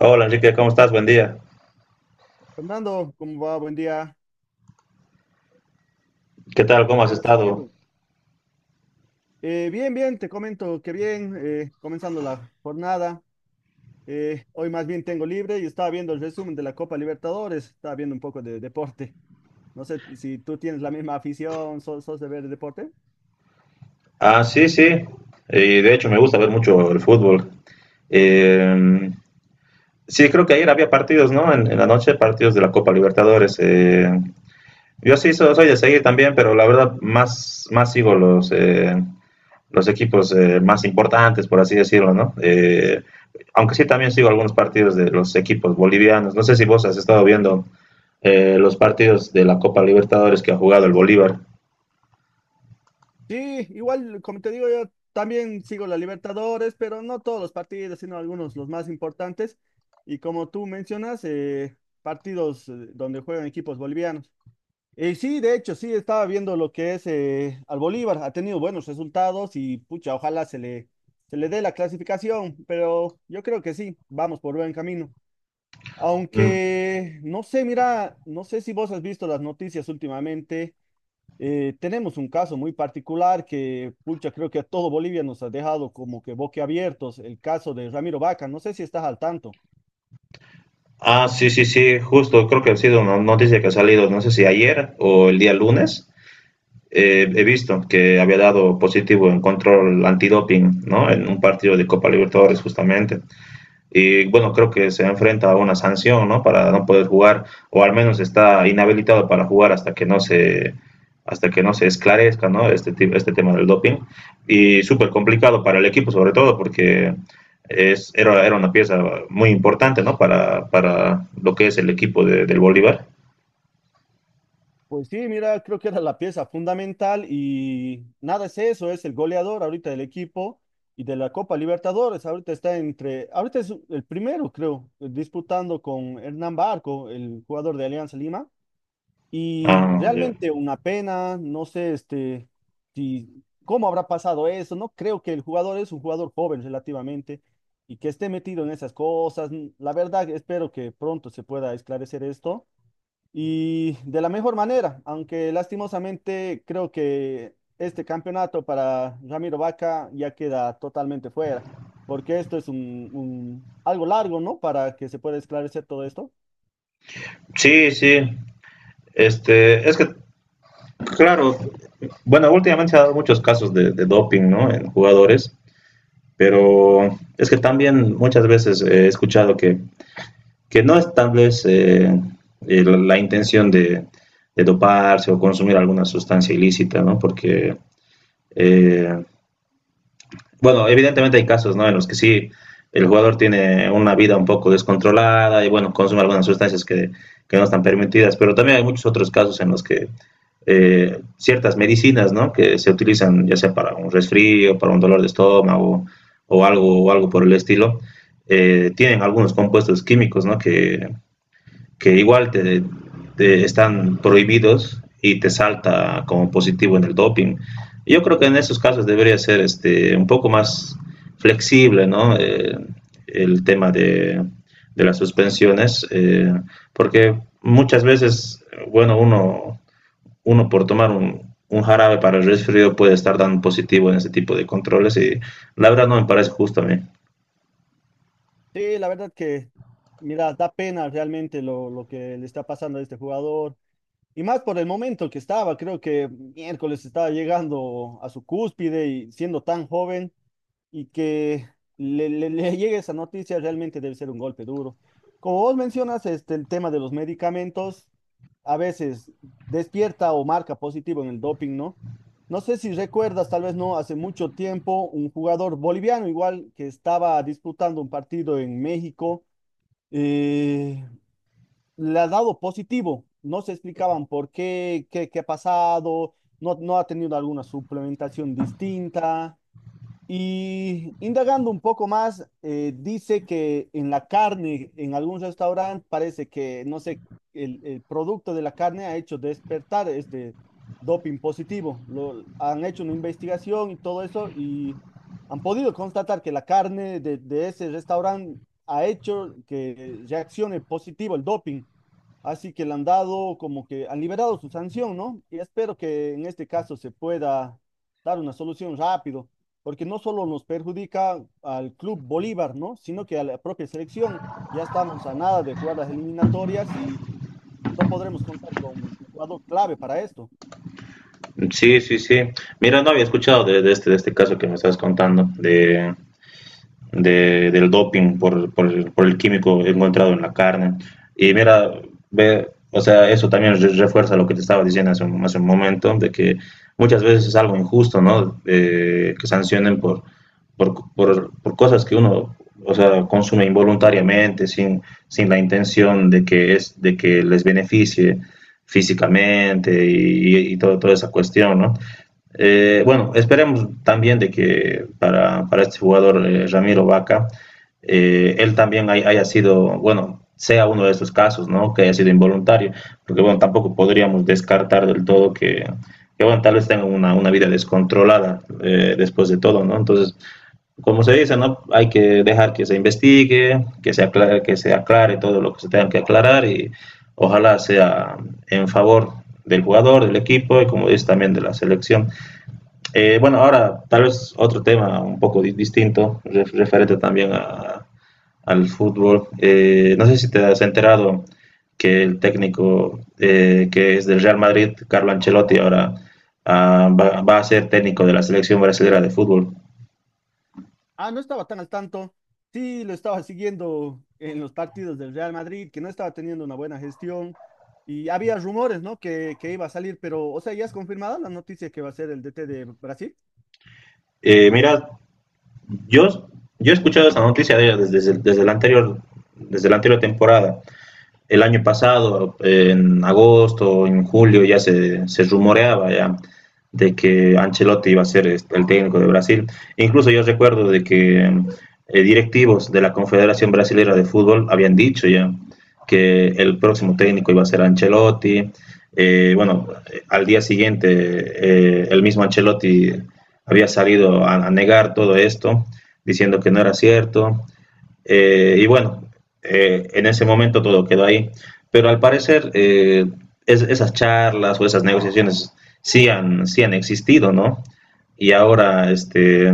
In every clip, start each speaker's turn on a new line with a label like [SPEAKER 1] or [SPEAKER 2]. [SPEAKER 1] Hola Enrique, ¿cómo estás? Buen día.
[SPEAKER 2] Fernando, ¿cómo va? Buen día.
[SPEAKER 1] ¿Qué tal? ¿Cómo
[SPEAKER 2] ¿Qué
[SPEAKER 1] has
[SPEAKER 2] andas
[SPEAKER 1] estado?
[SPEAKER 2] haciendo? Bien, te comento que bien, comenzando la jornada. Hoy más bien tengo libre y estaba viendo el resumen de la Copa Libertadores, estaba viendo un poco de deporte. No sé si tú tienes la misma afición, sos de ver deporte.
[SPEAKER 1] Ah, sí, sí. Y de hecho me gusta ver mucho el fútbol. Eh, sí, creo que ayer había partidos, ¿no? En la noche, partidos de la Copa Libertadores. Yo sí soy de seguir también, pero la verdad más sigo los los equipos más importantes, por así decirlo, ¿no? Aunque sí también sigo algunos partidos de los equipos bolivianos. No sé si vos has estado viendo los partidos de la Copa Libertadores que ha jugado el Bolívar.
[SPEAKER 2] Sí, igual, como te digo, yo también sigo la Libertadores, pero no todos los partidos, sino algunos, los más importantes. Y como tú mencionas, partidos donde juegan equipos bolivianos. Sí, de hecho, sí, estaba viendo lo que es al Bolívar, ha tenido buenos resultados y pucha, se le dé la clasificación, pero yo creo que sí, vamos por buen camino.
[SPEAKER 1] Mm.
[SPEAKER 2] Aunque, no sé, mira, no sé si vos has visto las noticias últimamente, tenemos un caso muy particular que, pucha, creo que a todo Bolivia nos ha dejado como que boquiabiertos, el caso de Ramiro Vaca, no sé si estás al tanto.
[SPEAKER 1] Ah, sí, sí, sí, justo, creo que ha sido una noticia que ha salido, no sé si ayer o el día lunes, he visto que había dado positivo en control antidoping, ¿no? En un partido de Copa Libertadores, justamente, y bueno, creo que se enfrenta a una sanción, ¿no? Para no poder jugar, o al menos está inhabilitado para jugar hasta que no se esclarezca, ¿no? Este tema del doping. Y súper complicado para el equipo, sobre todo, porque era una pieza muy importante, ¿no? Para lo que es el equipo del Bolívar.
[SPEAKER 2] Pues sí, mira, creo que era la pieza fundamental y nada, es eso, es el goleador ahorita del equipo y de la Copa Libertadores. Ahorita es el primero, creo, disputando con Hernán Barco, el jugador de Alianza Lima. Y
[SPEAKER 1] Ah, yeah.
[SPEAKER 2] realmente una pena, no sé, este, si, cómo habrá pasado eso. No creo que el jugador es un jugador joven relativamente y que esté metido en esas cosas. La verdad, espero que pronto se pueda esclarecer esto y de la mejor manera, aunque lastimosamente creo que este campeonato para Ramiro Vaca ya queda totalmente fuera, porque esto es algo largo, ¿no? Para que se pueda esclarecer todo esto.
[SPEAKER 1] Sí, sí. Este, es que, claro, bueno, últimamente se han dado muchos casos de doping, ¿no? En jugadores. Pero es que también muchas veces he escuchado que no es tal vez la intención de doparse o consumir alguna sustancia ilícita, ¿no? Porque eh, bueno, evidentemente hay casos, ¿no? En los que sí el jugador tiene una vida un poco descontrolada y bueno, consume algunas sustancias que no están permitidas, pero también hay muchos otros casos en los que ciertas medicinas, ¿no? Que se utilizan ya sea para un resfrío, para un dolor de estómago o algo por el estilo, tienen algunos compuestos químicos, ¿no? Que igual te están prohibidos y te salta como positivo en el doping. Yo creo que en esos casos debería ser este, un poco más flexible, ¿no? El tema de las suspensiones, porque muchas veces, bueno, uno por tomar un jarabe para el resfrío puede estar dando positivo en ese tipo de controles y la verdad no me parece justo a mí.
[SPEAKER 2] Sí, la verdad que, mira, da pena realmente lo que le está pasando a este jugador. Y más por el momento que estaba, creo que miércoles estaba llegando a su cúspide y siendo tan joven. Y que le llegue esa noticia realmente debe ser un golpe duro. Como vos mencionas, este, el tema de los medicamentos a veces despierta o marca positivo en el doping, ¿no? No sé si recuerdas, tal vez no, hace mucho tiempo, un jugador boliviano igual que estaba disputando un partido en México, eh, le ha dado positivo. No se explicaban por qué, qué ha pasado, no ha tenido alguna suplementación distinta. Y indagando un poco más, dice que en la carne, en algún restaurante, parece que, no sé, el producto de la carne ha hecho despertar este doping positivo. Lo, han hecho una investigación y todo eso y han podido constatar que la carne de ese restaurante ha hecho que reaccione positivo el doping. Así que le han dado como que han liberado su sanción, ¿no? Y espero que en este caso se pueda dar una solución rápido, porque no solo nos perjudica al Club Bolívar, ¿no? Sino que a la propia selección. Ya estamos a nada de jugar las eliminatorias y no podremos contar con un jugador clave para esto.
[SPEAKER 1] Sí, sí, sí. Mira, no había escuchado de este de este caso que me estás contando, del doping por el químico encontrado en la carne. Y mira, ve, o sea, eso también refuerza lo que te estaba diciendo hace un momento, de que muchas veces es algo injusto, ¿no? Que sancionen por cosas que uno, o sea, consume involuntariamente, sin la intención de de que les beneficie físicamente y todo, toda esa cuestión, ¿no? Bueno, esperemos también de que para este jugador Ramiro Vaca, él también haya sido, bueno, sea uno de esos casos, ¿no? Que haya sido involuntario, porque bueno, tampoco podríamos descartar del todo que bueno, tal vez tenga una vida descontrolada después de todo, ¿no? Entonces, como se dice, ¿no? Hay que dejar que se investigue, que se aclare todo lo que se tenga que aclarar y ojalá sea en favor del jugador, del equipo y como dice también de la selección. Bueno, ahora tal vez otro tema un poco distinto, referente también al fútbol. No sé si te has enterado que el técnico que es del Real Madrid, Carlo Ancelotti, ahora ah, va a ser técnico de la selección brasileña de fútbol.
[SPEAKER 2] Ah, no estaba tan al tanto. Sí, lo estaba siguiendo en los partidos del Real Madrid, que no estaba teniendo una buena gestión. Y había rumores, ¿no? Que iba a salir, pero, o sea, ya es confirmada la noticia que va a ser el DT de Brasil.
[SPEAKER 1] Mira, yo, yo he escuchado esa noticia desde la anterior, desde la anterior temporada. El año pasado, en agosto, en julio, ya se rumoreaba ya de que Ancelotti iba a ser este, el técnico de Brasil. Incluso yo recuerdo de que directivos de la Confederación Brasilera de Fútbol habían dicho ya que el próximo técnico iba a ser Ancelotti. Bueno, al día siguiente el mismo Ancelotti había salido a negar todo esto, diciendo que no era cierto. Y bueno, en ese momento todo quedó ahí. Pero al parecer esas charlas o esas negociaciones sí han existido, ¿no? Y ahora este,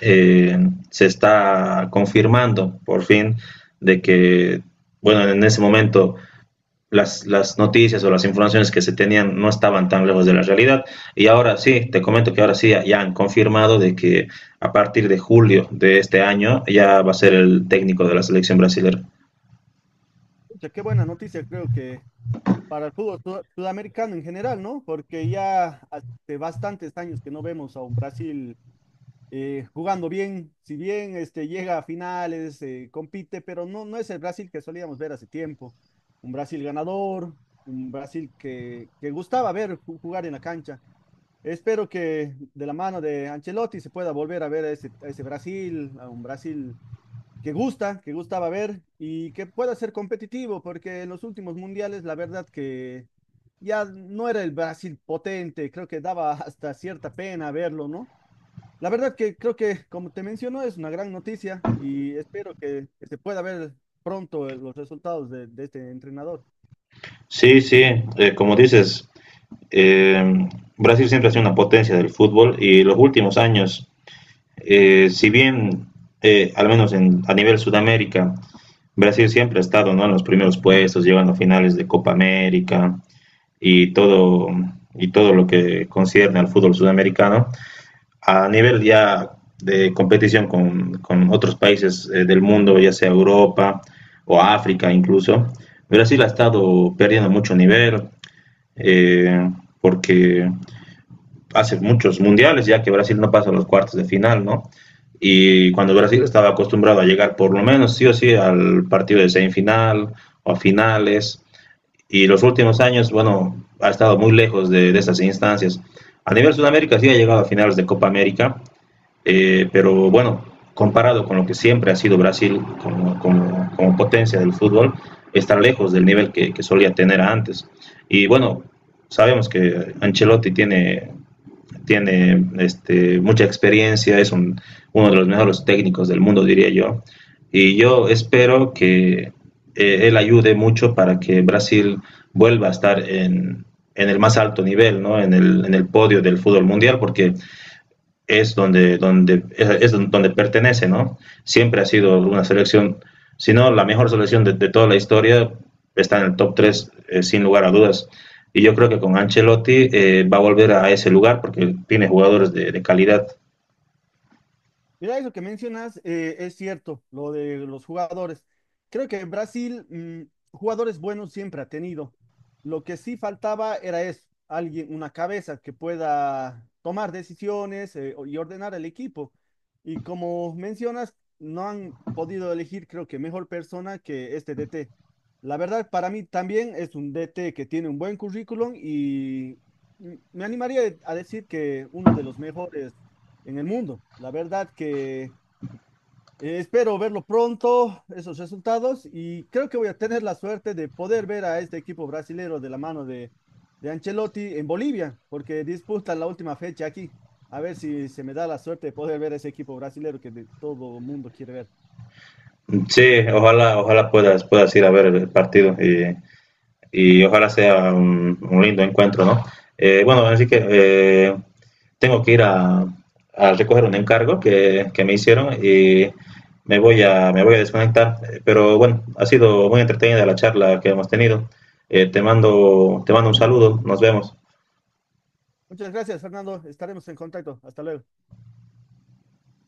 [SPEAKER 1] eh, se está confirmando por fin de que, bueno, en ese momento las noticias o las informaciones que se tenían no estaban tan lejos de la realidad. Y ahora sí, te comento que ahora sí ya, han confirmado de que a partir de julio de este año ya va a ser el técnico de la selección brasileña.
[SPEAKER 2] Pucha, qué buena noticia, creo que para el fútbol sudamericano en general, ¿no? Porque ya hace bastantes años que no vemos a un Brasil jugando bien, si bien este, llega a finales, compite, pero no, no es el Brasil que solíamos ver hace tiempo. Un Brasil ganador, un Brasil que gustaba ver jugar en la cancha. Espero que de la mano de Ancelotti se pueda volver a ver a a ese Brasil, a un Brasil que gusta, que gustaba ver y que pueda ser competitivo, porque en los últimos mundiales la verdad que ya no era el Brasil potente, creo que daba hasta cierta pena verlo, ¿no? La verdad que creo que, como te menciono, es una gran noticia y espero que se pueda ver pronto los resultados de este entrenador.
[SPEAKER 1] Sí, sí, como dices, eh, Brasil siempre ha sido una potencia del fútbol y los últimos años, si bien al menos a nivel Sudamérica, Brasil siempre ha estado, ¿no?, en los primeros puestos, llegando a finales de Copa América, y todo, y todo lo que concierne al fútbol sudamericano. A nivel ya de competición con otros países del mundo, ya sea Europa o África incluso, Brasil ha estado perdiendo mucho nivel, eh, porque hace muchos mundiales ya que Brasil no pasa a los cuartos de final, ¿no? Y cuando Brasil estaba acostumbrado a llegar por lo menos sí o sí al partido de semifinal o a finales, y los últimos años, bueno, ha estado muy lejos de esas instancias. A nivel Sudamérica sí ha llegado a finales de Copa América, pero bueno, comparado con lo que siempre ha sido Brasil como potencia del fútbol, está lejos del nivel que solía tener antes. Y bueno, sabemos que Ancelotti tiene este, mucha experiencia, es uno de los mejores técnicos del mundo, diría yo. Y yo espero que él ayude mucho para que Brasil vuelva a estar en el más alto nivel, ¿no? En el podio del fútbol mundial, porque es es donde pertenece, ¿no? Siempre ha sido una selección, si no la mejor selección de toda la historia, está en el top 3 sin lugar a dudas. Y yo creo que con Ancelotti va a volver a ese lugar porque tiene jugadores de calidad.
[SPEAKER 2] Mira, eso que mencionas es cierto, lo de los jugadores. Creo que Brasil mm, jugadores buenos siempre ha tenido. Lo que sí faltaba era eso, alguien, una cabeza que pueda tomar decisiones y ordenar el equipo. Y como mencionas, no han podido elegir, creo que mejor persona que este DT. La verdad, para mí también es un DT que tiene un buen currículum y mm, me animaría a decir que uno de los mejores en el mundo. La verdad que espero verlo pronto, esos resultados, y creo que voy a tener la suerte de poder ver a este equipo brasilero de la mano de Ancelotti en Bolivia, porque disputa la última fecha aquí. A ver si se me da la suerte de poder ver ese equipo brasilero que de todo mundo quiere ver.
[SPEAKER 1] Sí, ojalá, ojalá puedas ir a ver el partido y ojalá sea un lindo encuentro, ¿no? Bueno, así que tengo que ir a recoger un encargo que me hicieron y me voy a desconectar. Pero bueno, ha sido muy entretenida la charla que hemos tenido. Eh, te mando un saludo, nos vemos.
[SPEAKER 2] Muchas gracias, Fernando. Estaremos en contacto. Hasta luego.